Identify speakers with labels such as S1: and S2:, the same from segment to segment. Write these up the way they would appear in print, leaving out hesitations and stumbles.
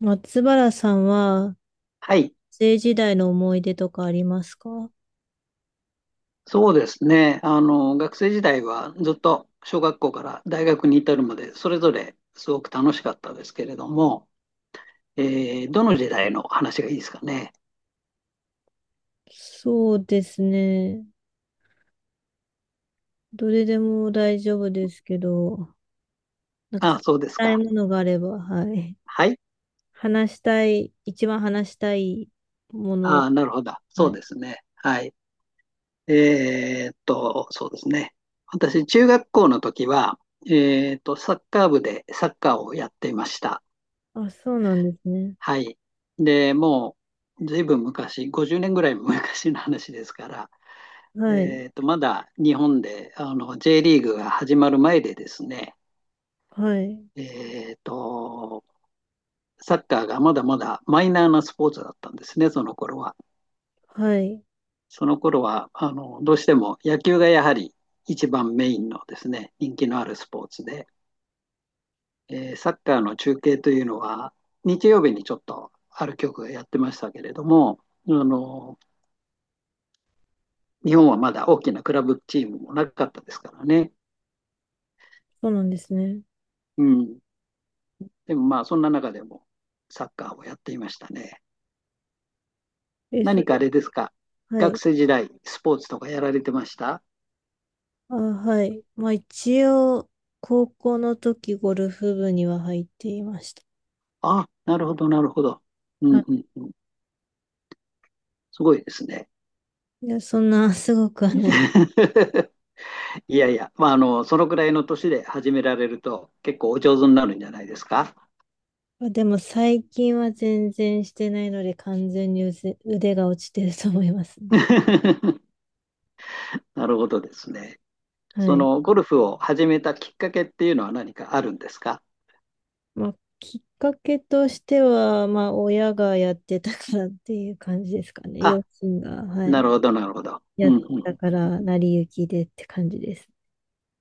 S1: 松原さんは、
S2: はい、
S1: 学生時代の思い出とかありますか？
S2: そうですね。学生時代はずっと小学校から大学に至るまで、それぞれすごく楽しかったですけれども、どの時代の話がいいですかね。
S1: そうですね。どれでも大丈夫ですけど、なんか話
S2: あ、
S1: し
S2: そうです
S1: たい
S2: か。
S1: ものがあれば、はい。
S2: はい。
S1: 話したい、一番話したいもの、
S2: あ、なるほど。
S1: は
S2: そう
S1: い。
S2: ですね。はい。そうですね。私、中学校の時は、サッカー部でサッカーをやっていました。
S1: あ、そうなんですね。
S2: はい。で、もう、ずいぶん昔、50年ぐらい昔の話ですから、
S1: はい。
S2: まだ日本でJ リーグが始まる前でですね、
S1: はい。
S2: えーと、サッカーがまだまだマイナーなスポーツだったんですね、その頃は。
S1: はい。
S2: その頃はどうしても野球がやはり一番メインのですね、人気のあるスポーツで、サッカーの中継というのは日曜日にちょっとある局がやってましたけれども、あの日本はまだ大きなクラブチームもなかったですからね。
S1: そうなんですね。
S2: うん、でもまあ、そんな中でもサッカーをやっていましたね。
S1: え、そ
S2: 何かあ
S1: れ、
S2: れですか、
S1: は
S2: 学
S1: い。
S2: 生時代、スポーツとかやられてました？
S1: あ、はい。まあ一応、高校の時ゴルフ部には入っていました。
S2: あ、なるほど、なるほど。う
S1: は
S2: んうんうん、すごいですね。
S1: い。いや、そんなすごくはない。
S2: いやいや、まあ、そのくらいの年で始められると、結構お上手になるんじゃないですか。
S1: まあでも最近は全然してないので完全に腕が落ちてると思いますね。
S2: なるほどですね。
S1: は
S2: そ
S1: い。
S2: のゴルフを始めたきっかけっていうのは何かあるんですか？
S1: まあ、きっかけとしては、まあ、親がやってたからっていう感じですかね。
S2: あ、
S1: 両親が、は
S2: な
S1: い。
S2: るほど、なるほど。う
S1: やっ
S2: ん
S1: て
S2: う
S1: た
S2: ん、
S1: から、成り行きでって感じです。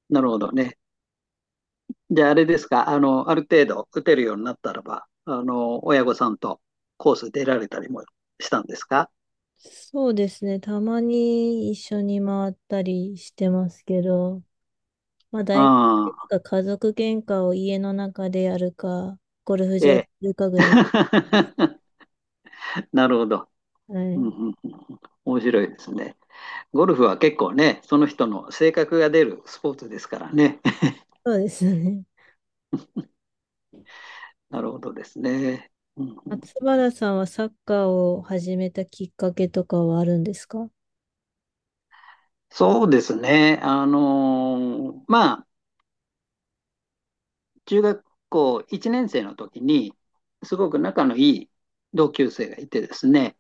S2: なるほどね。じゃああれですか、ある程度打てるようになったらば、親御さんとコース出られたりもしたんですか？
S1: そうですね。たまに一緒に回ったりしてますけど、まあ、大体い
S2: あ
S1: つ
S2: あ、
S1: か家族喧嘩を家の中でやるか、ゴルフ場で
S2: ええ。
S1: やるかぐらい。
S2: なるほど。
S1: は
S2: うんう
S1: い。
S2: んうんうん面白いですね。ゴルフは結構ね、その人の性格が出るスポーツですからね。
S1: そうですよね。
S2: なるほどですね。うん
S1: 松
S2: うん
S1: 原さんはサッカーを始めたきっかけとかはあるんですか？
S2: そうですね。まあ、中学校1年生の時に、すごく仲のいい同級生がいてですね、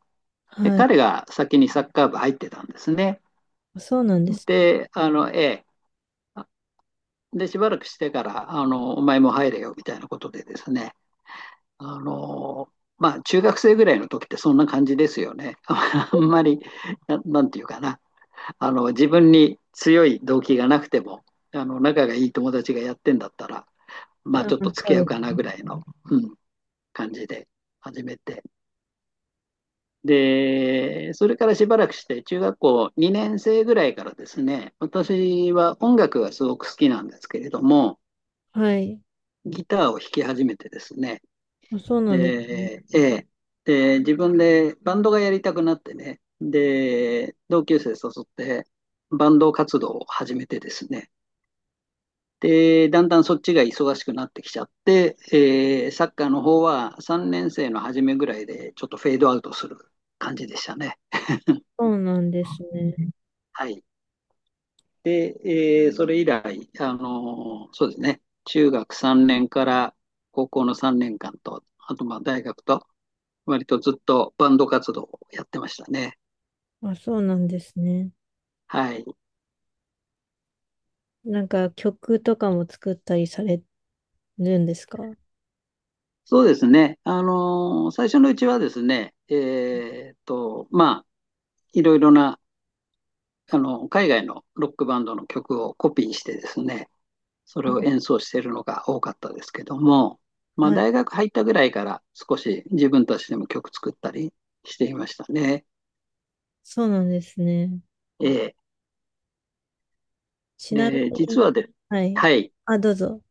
S2: で
S1: はい。
S2: 彼が先にサッカー部入ってたんですね。
S1: そうなんです。
S2: で、ええ、で、しばらくしてから、お前も入れよみたいなことでですね、あの、まあ、中学生ぐらいの時ってそんな感じですよね。あんまり、なんていうかな、自分に強い動機がなくても、仲がいい友達がやってんだったら、まあ、
S1: あ、
S2: ちょっと
S1: そ
S2: 付き合
S1: う
S2: う
S1: で
S2: か
S1: す。
S2: なぐらいの、うん、感じで始めて。で、それからしばらくして、中学校2年生ぐらいからですね、私は音楽がすごく好きなんですけれども、
S1: はい。
S2: ギターを弾き始めてですね、
S1: あ、そうなんですね。
S2: で、自分でバンドがやりたくなってね、で、同級生誘って、バンド活動を始めてですね、で、だんだんそっちが忙しくなってきちゃって、サッカーの方は3年生の初めぐらいでちょっとフェードアウトする感じでしたね。
S1: そうなんですね。
S2: はい。で、それ以来、そうですね、中学3年から高校の3年間と、あとまあ大学と、割とずっとバンド活動をやってましたね。
S1: あ、そうなんですね。
S2: はい。
S1: なんか曲とかも作ったりされるんですか？
S2: そうですね、最初のうちはですね、まあ、いろいろな、海外のロックバンドの曲をコピーしてですね、それを
S1: あ
S2: 演奏しているのが多かったですけども、まあ、
S1: はい。
S2: 大学入ったぐらいから少し自分たちでも曲作ったりしていましたね。
S1: そうなんですね。
S2: ええ
S1: ちなみ
S2: で、実
S1: に、
S2: はで、
S1: はい。
S2: はい、
S1: あ、どうぞ。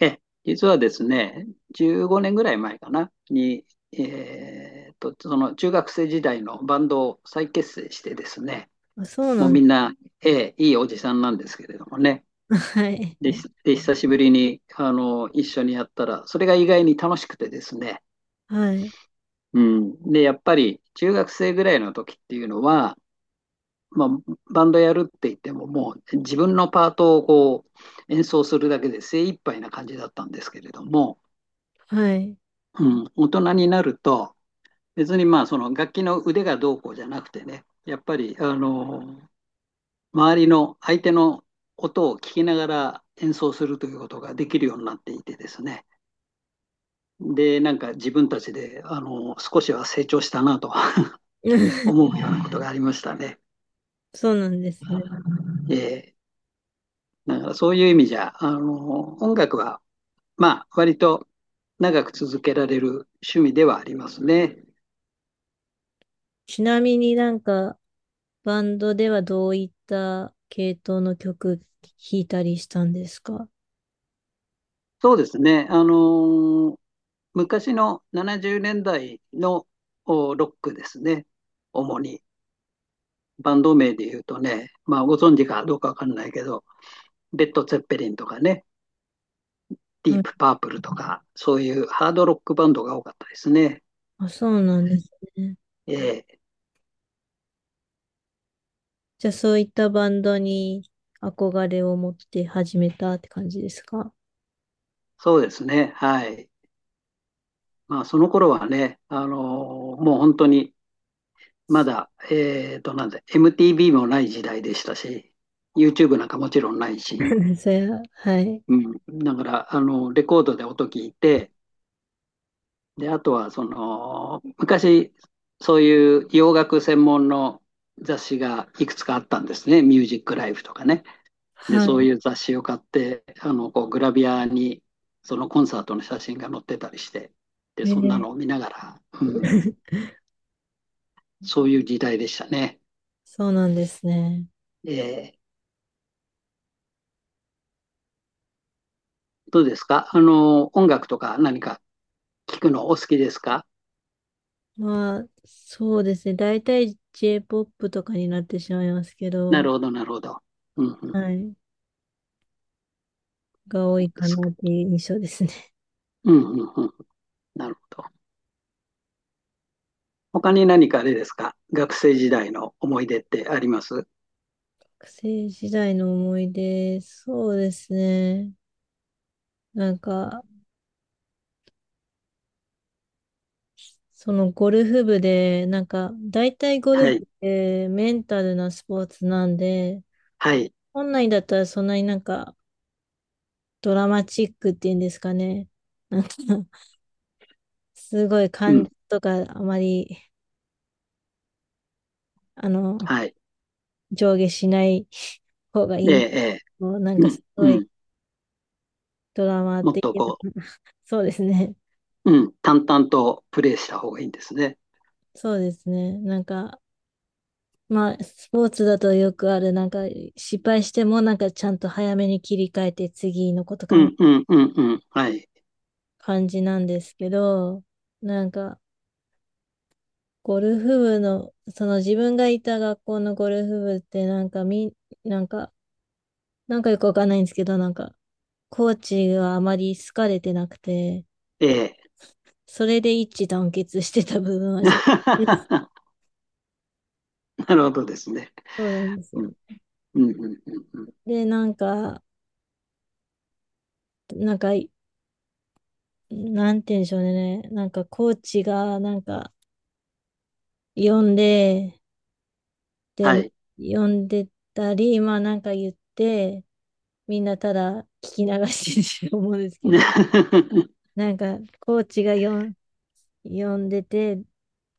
S2: ええ、実はですね、15年ぐらい前かな、に、その中学生時代のバンドを再結成してですね、
S1: あ、そう
S2: もう
S1: なん。
S2: みんな、ええ、いいおじさんなんですけれどもね、
S1: はい。
S2: で、久しぶりに、一緒にやったら、それが意外に楽しくてですね、
S1: はい。
S2: うん、で、やっぱり中学生ぐらいの時っていうのは、まあ、バンドやるって言っても、もう自分のパートをこう演奏するだけで精一杯な感じだったんですけれども、
S1: はい。
S2: うん、大人になると、別にまあその楽器の腕がどうこうじゃなくてね、やっぱり周りの相手の音を聞きながら演奏するということができるようになっていてですね、で、なんか自分たちで少しは成長したなと思う ようなことがありましたね。
S1: そうなんですね。
S2: えーだからそういう意味じゃ、音楽はまあ、割と長く続けられる趣味ではありますね。
S1: ちなみになんか、バンドではどういった系統の曲弾いたりしたんですか？
S2: そうですね。ー昔の70年代のおロックですね。主に。バンド名で言うとね、まあ、ご存知かどうかわかんないけど、レッド・ツェッペリンとかね、ディ
S1: は
S2: ー
S1: い。
S2: プ・パープルとか、そういうハードロックバンドが多かったですね。
S1: あ、そうなんですね。
S2: ええ
S1: じゃあそういったバンドに憧れを持って始めたって感じですか？
S2: そうですね。はい。まあ、その頃はね、もう本当にまだ、えっと、なんだ、MTV もない時代でしたし、YouTube なんかもちろんないし、
S1: それは、はい。
S2: うん、だから、レコードで音聞いて、で、あとは、その、昔、そういう洋楽専門の雑誌がいくつかあったんですね。ミュージックライフとかね。で、そう
S1: は
S2: いう雑誌を買って、こう、グラビアに、そのコンサートの写真が載ってたりして、で、
S1: い。
S2: そんな
S1: え
S2: のを見ながら、う
S1: ー。
S2: ん、そういう時代でしたね。
S1: そうなんですね。
S2: えーどうですか音楽とか何か聞くのお好きですか？
S1: まあ、そうですね。大体 J-POP とかになってしまいますけ
S2: な
S1: ど、
S2: るほど、なるほど。うんうん、
S1: はい。が多
S2: そう
S1: い
S2: で
S1: か
S2: す
S1: な
S2: か。
S1: っていう印象ですね。
S2: うんうんうん、なるほど。他に何かあれですか学生時代の思い出ってあります？
S1: 学生時代の思い出、そうですね。なんか、そのゴルフ部で、なんか、大体ゴル
S2: は
S1: フっ
S2: い、
S1: てメンタルなスポーツなんで、
S2: はい、
S1: 本来だったらそんなになんかドラマチックっていうんですかね。なんか、すごい
S2: う
S1: 感情
S2: ん、
S1: とかあまり、あの、
S2: はい。
S1: 上下しない方がい
S2: え
S1: いん
S2: え、
S1: ですけどなん
S2: ええ、う
S1: かす
S2: ん、
S1: ご
S2: う
S1: い
S2: ん。
S1: ドラマ
S2: もっ
S1: 的
S2: と
S1: な。
S2: こ
S1: そうですね。
S2: う、うん、淡々とプレイした方がいいんですね。
S1: そうですね。なんか、まあ、スポーツだとよくある、なんか、失敗しても、なんか、ちゃんと早めに切り替えて、次のこと
S2: うん、うん、うん、うん、はい。
S1: 感じなんですけど、なんか、ゴルフ部の、その自分がいた学校のゴルフ部ってなんかなんか、なんかよくわかんないんですけど、なんか、コーチがあまり好かれてなくて、
S2: ええ。
S1: それで一致団結してた部分は若干。
S2: なるほどですね。
S1: そうなんですよ。
S2: うん、うん、うん、うん。うん
S1: で、なんか、なんか、なんて言うんでしょうね。なんか、コーチが、なんか、呼んで、で、
S2: はい。
S1: 読んでたり、まあなんか言って、みんなただ聞き流してると思うんですけど、なんかコーチが読んでて、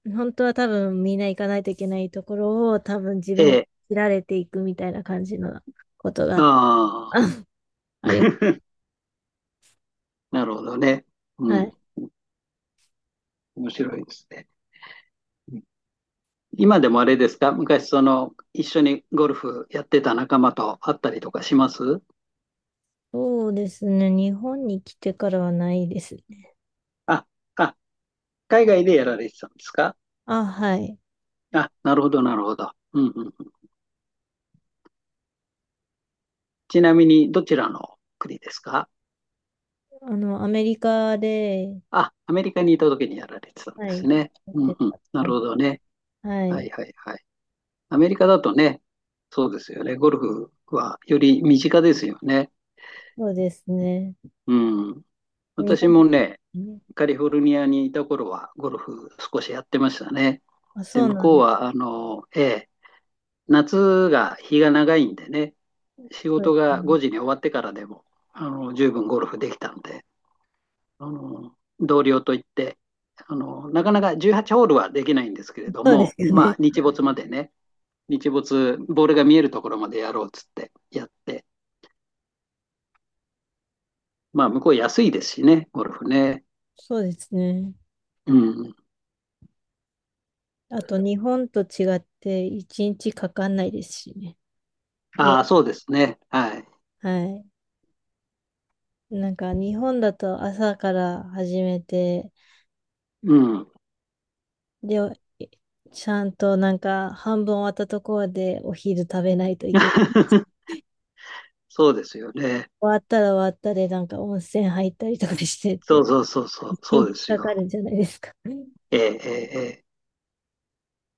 S1: 本当は多分みんな行かないといけないところを多分自
S2: え
S1: 分が
S2: え、
S1: 切られていくみたいな感じのことがあ
S2: あ
S1: った。
S2: あ。
S1: あり、
S2: なるほどね。う
S1: は
S2: ん。
S1: い。
S2: 面白いですね。うん今でもあれですか昔一緒にゴルフやってた仲間と会ったりとかします？
S1: そうですね。日本に来てからはないですね。
S2: あ、あ、海外でやられてたんですか？
S1: あ、はい。
S2: あ、なるほど、なるほど。うんうんうん。ちなみに、どちらの国ですか？
S1: あの、アメリカで、
S2: あ、アメリカにいた時にやられてたんで
S1: はい、
S2: すね。
S1: やっ
S2: う
S1: て
S2: んうん。
S1: た
S2: な
S1: 感
S2: るほどね。
S1: じ。は
S2: はい
S1: い。
S2: はいはい。アメリカだとね、そうですよね。ゴルフはより身近ですよね。
S1: そうですね。
S2: うん。
S1: 日
S2: 私
S1: 本、
S2: もね、カリフォルニアにいた頃はゴルフ少しやってましたね。
S1: あ、
S2: で、
S1: そう
S2: 向
S1: なん
S2: こう
S1: です。
S2: は、ええ、夏が日が長いんでね、仕
S1: そう
S2: 事
S1: です
S2: が
S1: ね。
S2: 5時に終わってからでも、十分ゴルフできたんで、あの、同僚といって、なかなか18ホールはできないんですけれど
S1: そうです
S2: も、
S1: よ
S2: まあ、
S1: ね。
S2: 日没までね、日没、ボールが見えるところまでやろうっつってやって、まあ、向こう安いですしね、ゴルフね。
S1: そうですね。
S2: うん。
S1: あと、日本と違って、一日かかんないですしね。いや、
S2: ああ、そうですね。はい。
S1: はい。なんか、日本だと朝から始めて、
S2: うん。
S1: で、えちゃんとなんか、半分終わったところでお昼食べないといけないです。
S2: そうですよね。
S1: 終わったら終わったで、なんか温泉入ったりとかしてっ
S2: そう
S1: て、
S2: そうそうそ
S1: 一
S2: う、そう
S1: 日
S2: です
S1: か
S2: よ。
S1: かるんじゃないですか。
S2: ええ、ええ、ええ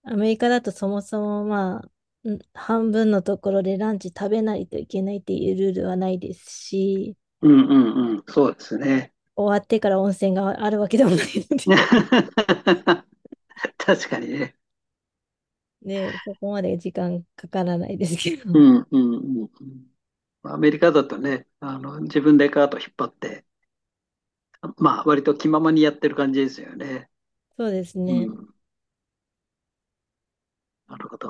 S1: アメリカだとそもそもまあ、半分のところでランチ食べないといけないっていうルールはないですし、
S2: うんうんうん、そうですね。
S1: 終わってから温泉があるわけでもないの で
S2: 確かにね。
S1: ね そこまで時間かからないですけ
S2: う
S1: ど。
S2: んうんうんうん。アメリカだとね、自分でカート引っ張って、まあ、割と気ままにやってる感じですよね。
S1: そうです
S2: う
S1: ね。
S2: ん、なるほど。